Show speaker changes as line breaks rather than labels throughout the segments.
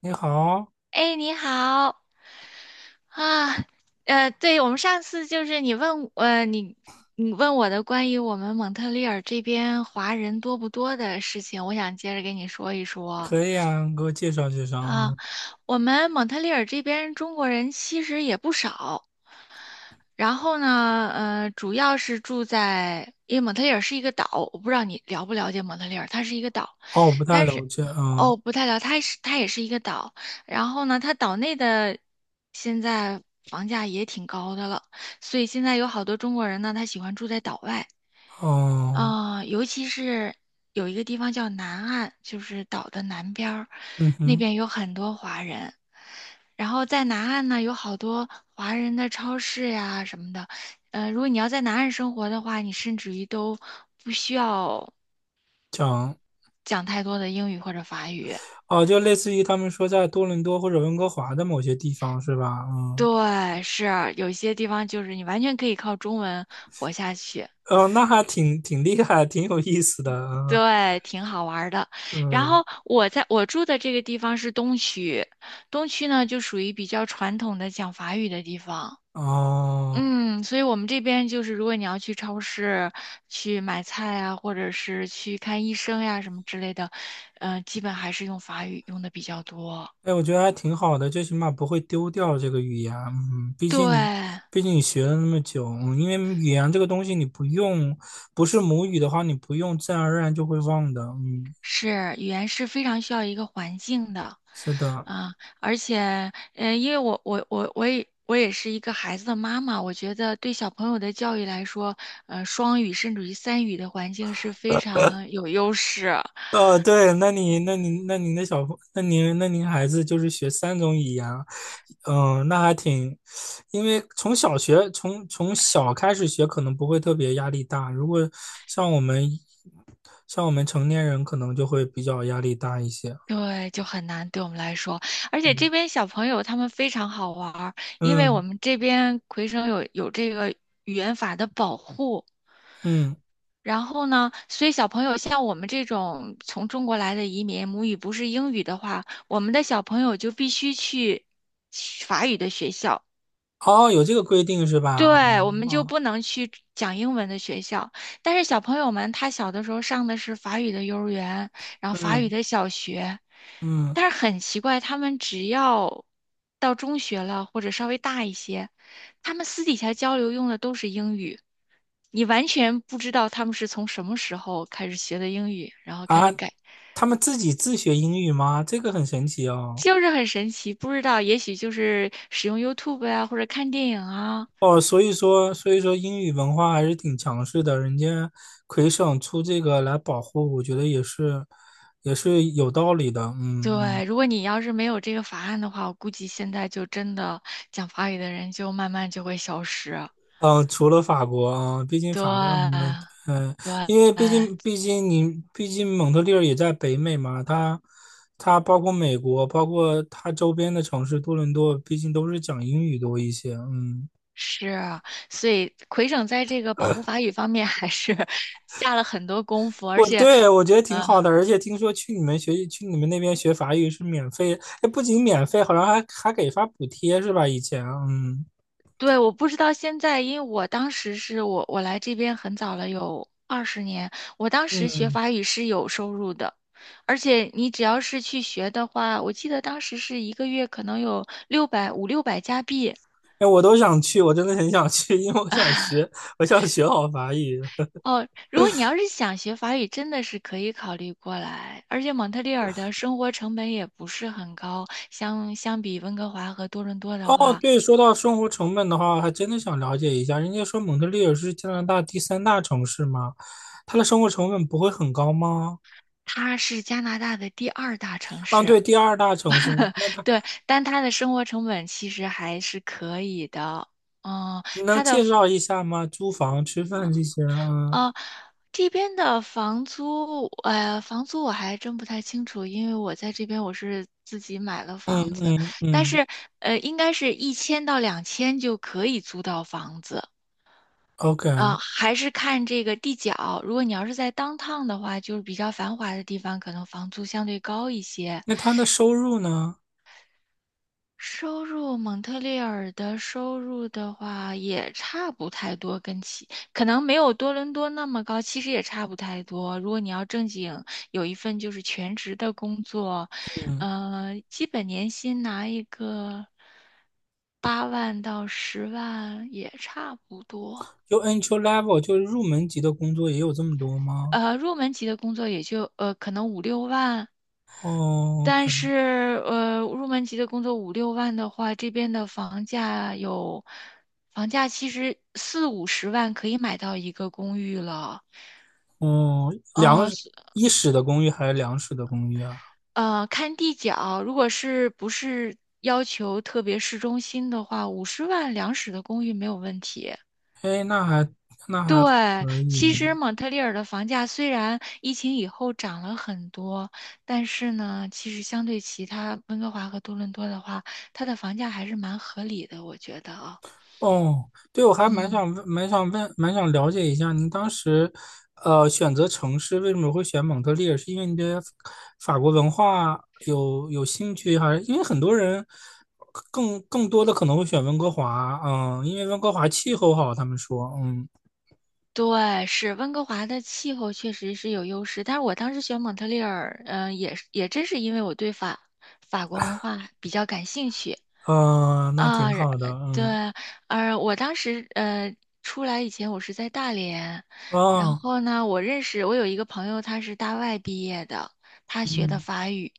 你好，
哎，你好啊。对，我们上次就是你问我的关于我们蒙特利尔这边华人多不多的事情，我想接着跟你说一说
可以啊，给我介绍介绍
啊。
啊。
我们蒙特利尔这边中国人其实也不少。然后呢，主要是住在，因为蒙特利尔是一个岛，我不知道你了不了解蒙特利尔，它是一个岛，
哦，我不太
但
了
是，
解，嗯，
哦，不太了，它也是一个岛。然后呢，它岛内的现在房价也挺高的了，所以现在有好多中国人呢，他喜欢住在岛外。
哦，
尤其是有一个地方叫南岸，就是岛的南边儿，
嗯
那
哼，
边有很多华人。然后在南岸呢，有好多华人的超市呀什么的。如果你要在南岸生活的话，你甚至于都不需要
讲，
讲太多的英语或者法语。
哦，就类似于他们说在多伦多或者温哥华的某些地方是吧？嗯，
对，是有些地方就是你完全可以靠中文活下去。
哦，那还挺厉害，挺有意思的，
对，挺好玩儿的。然
嗯，
后我住的这个地方是东区，东区呢就属于比较传统的讲法语的地方。
嗯，哦，
所以我们这边就是，如果你要去超市去买菜啊，或者是去看医生呀、什么之类的，基本还是用法语用的比较多。
哎，我觉得还挺好的，最起码不会丢掉这个语言，嗯，毕
对，
竟你，毕竟你学了那么久，因为语言这个东西你不用，不是母语的话，你不用，自然而然就会忘的，嗯，
是语言是非常需要一个环境的。
是的。
啊，而且，因为我也是一个孩子的妈妈，我觉得对小朋友的教育来说，双语甚至于三语的环境是非常有优势。
哦，对，那你、那你、那您的小朋，那您孩子就是学3种语言啊。嗯，那还挺，因为从小开始学，可能不会特别压力大。如果像我们成年人，可能就会比较压力大一些。
对，就很难对我们来说。而且这
嗯，
边小朋友他们非常好玩儿，因为我
嗯
们这边魁省有这个语言法的保护。
嗯，
然后呢，所以小朋友像我们这种从中国来的移民，母语不是英语的话，我们的小朋友就必须去法语的学校。
哦，有这个规定是吧？
对，我
嗯
们就
哦，
不能去讲英文的学校，但是小朋友们他小的时候上的是法语的幼儿园，然后法语
嗯
的小学。
嗯
但是很奇怪，他们只要到中学了或者稍微大一些，他们私底下交流用的都是英语。你完全不知道他们是从什么时候开始学的英语，然后开
啊，
始改。
他们自己自学英语吗？这个很神奇哦。
就是很神奇，不知道，也许就是使用 YouTube 啊，或者看电影啊。
哦，所以说英语文化还是挺强势的，人家魁省出这个来保护，我觉得也是，也是有道理的。嗯嗯
对，如果你要是没有这个法案的话，我估计现在就真的讲法语的人就慢慢就会消失。
嗯，除了法国啊，毕竟
对，
法国，嗯嗯，
对，
因为毕竟蒙特利尔也在北美嘛，它包括美国，包括它周边的城市多伦多，毕竟都是讲英语多一些。嗯
是，所以魁省在这个保护法语方面还是 下了很多功夫，而且。
我觉得挺
呃
好的，而且听说去你们那边学法语是免费，哎，不仅免费，好像还给发补贴是吧？以前，嗯
对，我不知道现在，因为我当时是我我来这边很早了，有二十年。我当时学
嗯，
法语是有收入的，而且你只要是去学的话，我记得当时是一个月可能有六百五六百加币。
哎，我都想去，我真的很想去，因为我想学好法语。
哦，如果你要是想学法语，真的是可以考虑过来。而且蒙特利尔的生活成本也不是很高，相比温哥华和多伦多的
哦，
话，
对，说到生活成本的话，还真的想了解一下。人家说蒙特利尔是加拿大第三大城市吗？它的生活成本不会很高吗？
它是加拿大的第二大城
啊，
市。
对，第二大城市，那它
对，但他的生活成本其实还是可以的。嗯，
能
他的
介绍一下吗？租房、吃饭这些啊？
呃这边的房租，房租我还真不太清楚，因为我在这边我是自己买了
嗯
房子。
嗯
但
嗯。
是应该是一千到两千就可以租到房子。
OK，
啊、还是看这个地角。如果你要是在 downtown 的话，就是比较繁华的地方，可能房租相对高一些。
那他的收入呢？
收入，蒙特利尔的收入的话也差不太多，可能没有多伦多那么高，其实也差不太多。如果你要正经有一份就是全职的工作，
嗯，
基本年薪拿一个8万到10万也差不多。
就 entry level 就是入门级的工作也有这么多吗？
入门级的工作也就可能五六万。
哦
但
，OK，
是，入门级的工作五六万的话，这边的房价有，房价其实四五十万可以买到一个公寓了。
哦，
嗯，是。
一室的公寓还是两室的公寓啊？
看地脚，如果是不是要求特别市中心的话，五十万两室的公寓没有问题。
哎，那还
对，
可
其
以。
实蒙特利尔的房价虽然疫情以后涨了很多，但是呢，其实相对其他温哥华和多伦多的话，它的房价还是蛮合理的，我觉得啊。
哦，对，我还
嗯，
蛮想了解一下，您当时，选择城市为什么会选蒙特利尔？是因为你对法国文化有兴趣，还是因为很多人更多的可能会选温哥华？嗯，因为温哥华气候好，他们说，嗯，
对，是温哥华的气候确实是有优势，但是我当时选蒙特利尔，也真是因为我对法国文化比较感兴趣。
嗯，那挺
啊，然
好的，
对，
嗯，
我当时出来以前我是在大连。然
啊、
后呢，我认识我有一个朋友，他是大外毕业的，他学的法语。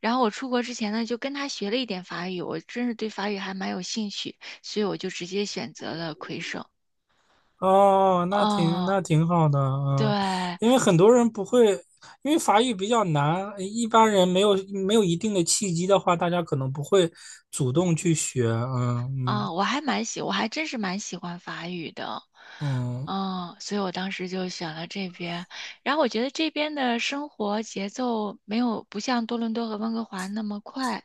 然后我出国之前呢，就跟他学了一点法语，我真是对法语还蛮有兴趣，所以我就直接选择了魁省。
哦，那挺那
哦，
挺好的，
对。
嗯，因为很多人不会，因为法语比较难，一般人没有一定的契机的话，大家可能不会主动去学，嗯嗯
我还真是蛮喜欢法语的。
嗯，
嗯，所以我当时就选了这边。然后我觉得这边的生活节奏没有不像多伦多和温哥华那么快，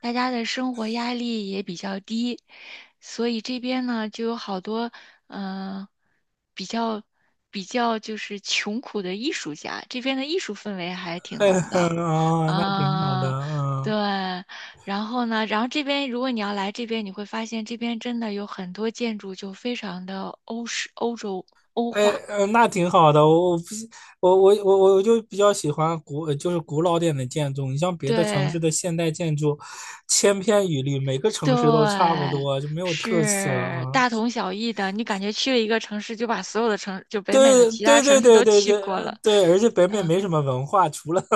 大家的生活压力也比较低，所以这边呢就有好多嗯、呃比较比较就是穷苦的艺术家，这边的艺术氛围还挺
嘿
浓
嘿，
的。
啊，那挺好的，
嗯、对。
嗯，
然后呢，然后这边如果你要来这边，你会发现这边真的有很多建筑就非常的欧式、欧洲、欧
哎，
化。
那挺好的，我我不喜我我我我就比较喜欢古就是古老点的建筑，你像别的城
对
市的现代建筑，千篇一律，每个
对，
城市都差不多，就没有特色
是
啊，嗯
大同小异的。你感觉去了一个城市，就北美的
对
其他
对对
城市
对
都
对
去
对
过了。
对，而且北美没什么文化，除了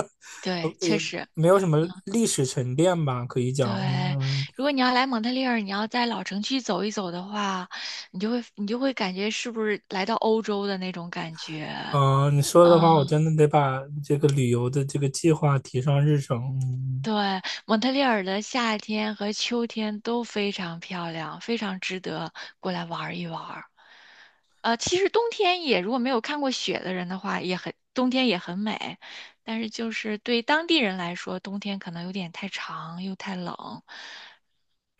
呃
对，确
呃，
实。
没有什么
嗯，
历史沉淀吧，可以讲，
对。
嗯
如果你要来蒙特利尔，你要在老城区走一走的话，你就会感觉是不是来到欧洲的那种感觉。
嗯、你说的
嗯
话，我真的得把这个旅游的这个计划提上日程。嗯，
对，蒙特利尔的夏天和秋天都非常漂亮，非常值得过来玩儿一玩儿。其实冬天也，如果没有看过雪的人的话，也很，冬天也很美。但是就是对当地人来说，冬天可能有点太长又太冷，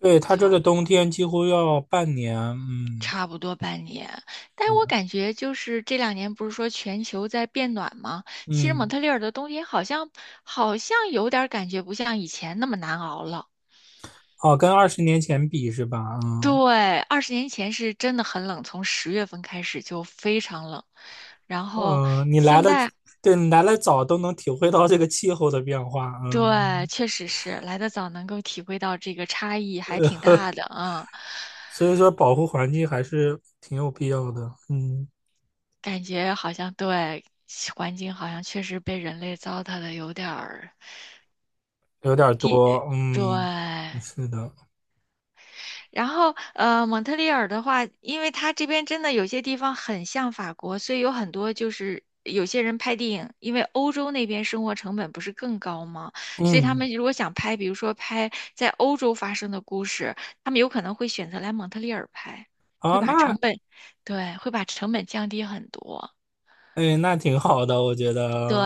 对，他这个冬天几乎要半年，嗯
差不多半年。但是我感觉就是这两年不是说全球在变暖吗？其实蒙
嗯，
特利尔的冬天好像有点儿感觉不像以前那么难熬了。
哦，跟20年前比是吧？嗯
对，20年前是真的很冷，从10月份开始就非常冷。然后
嗯、你来
现
的，
在，
对你来的早，都能体会到这个气候的变化，
对，
嗯，
确实是来的早，能够体会到这个差异还挺大的。嗯，
所以说保护环境还是挺有必要的，嗯。
感觉好像对，环境好像确实被人类糟蹋的有点儿。
有点儿多，嗯，
对，
是的，
然后，蒙特利尔的话，因为它这边真的有些地方很像法国，所以有很多就是有些人拍电影，因为欧洲那边生活成本不是更高吗？所以他
嗯，
们如果想拍，比如说拍在欧洲发生的故事，他们有可能会选择来蒙特利尔拍，会
哦，
把成
那，
本，对，会把成本降低很多。
哎，那挺好的，我觉得，
对，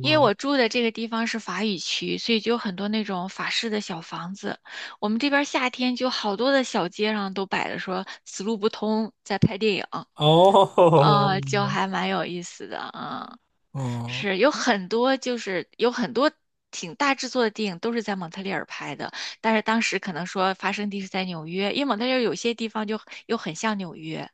因为我住的这个地方是法语区，所以就有很多那种法式的小房子。我们这边儿夏天就好多的小街上都摆着说“死路不通”在拍电影，
哦，
就还蛮有意思的。嗯，
嗯，
是有很多挺大制作的电影都是在蒙特利尔拍的，但是当时可能说发生地是在纽约，因为蒙特利尔有些地方就又很像纽约，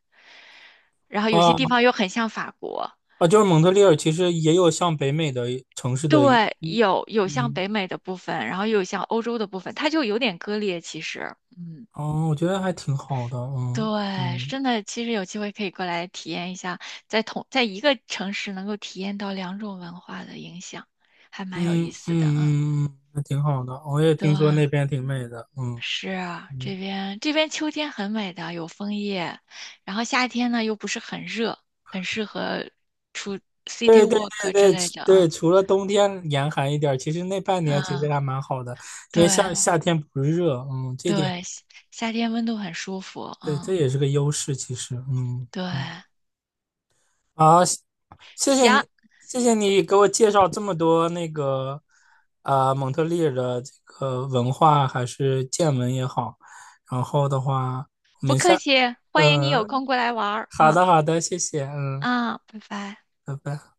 然后有些
啊
地方又很像法国。
啊，就是蒙特利尔其实也有像北美的城市的一，
对，
一
有像
嗯，
北美的部分，然后又有像欧洲的部分，它就有点割裂。其实，嗯，
哦，我觉得还挺好的，嗯
对，
嗯
真的，其实有机会可以过来体验一下，在一个城市能够体验到两种文化的影响，还蛮有意
嗯
思的。嗯，
嗯嗯，还挺好的，我也
对，
听说那边挺美的，嗯
是啊
嗯。
这边秋天很美的，有枫叶，然后夏天呢又不是很热，很适合出 city
对对
walk 之
对对
类的。嗯
对，除了冬天严寒一点儿，其实那半年其实
嗯，
还蛮好的，因
对
为夏天不热，嗯，这点
对，夏天温度很舒服。
对，这
嗯。
也是个优势，其实，嗯
对，
嗯，好，谢谢
行，
你，谢谢你给我介绍这么多那个啊、蒙特利尔的这个文化还是见闻也好，然后的话，
不客气，欢迎你有空
嗯，
过来玩儿
好
啊
的好的，谢谢，嗯，
啊，拜拜。
拜拜。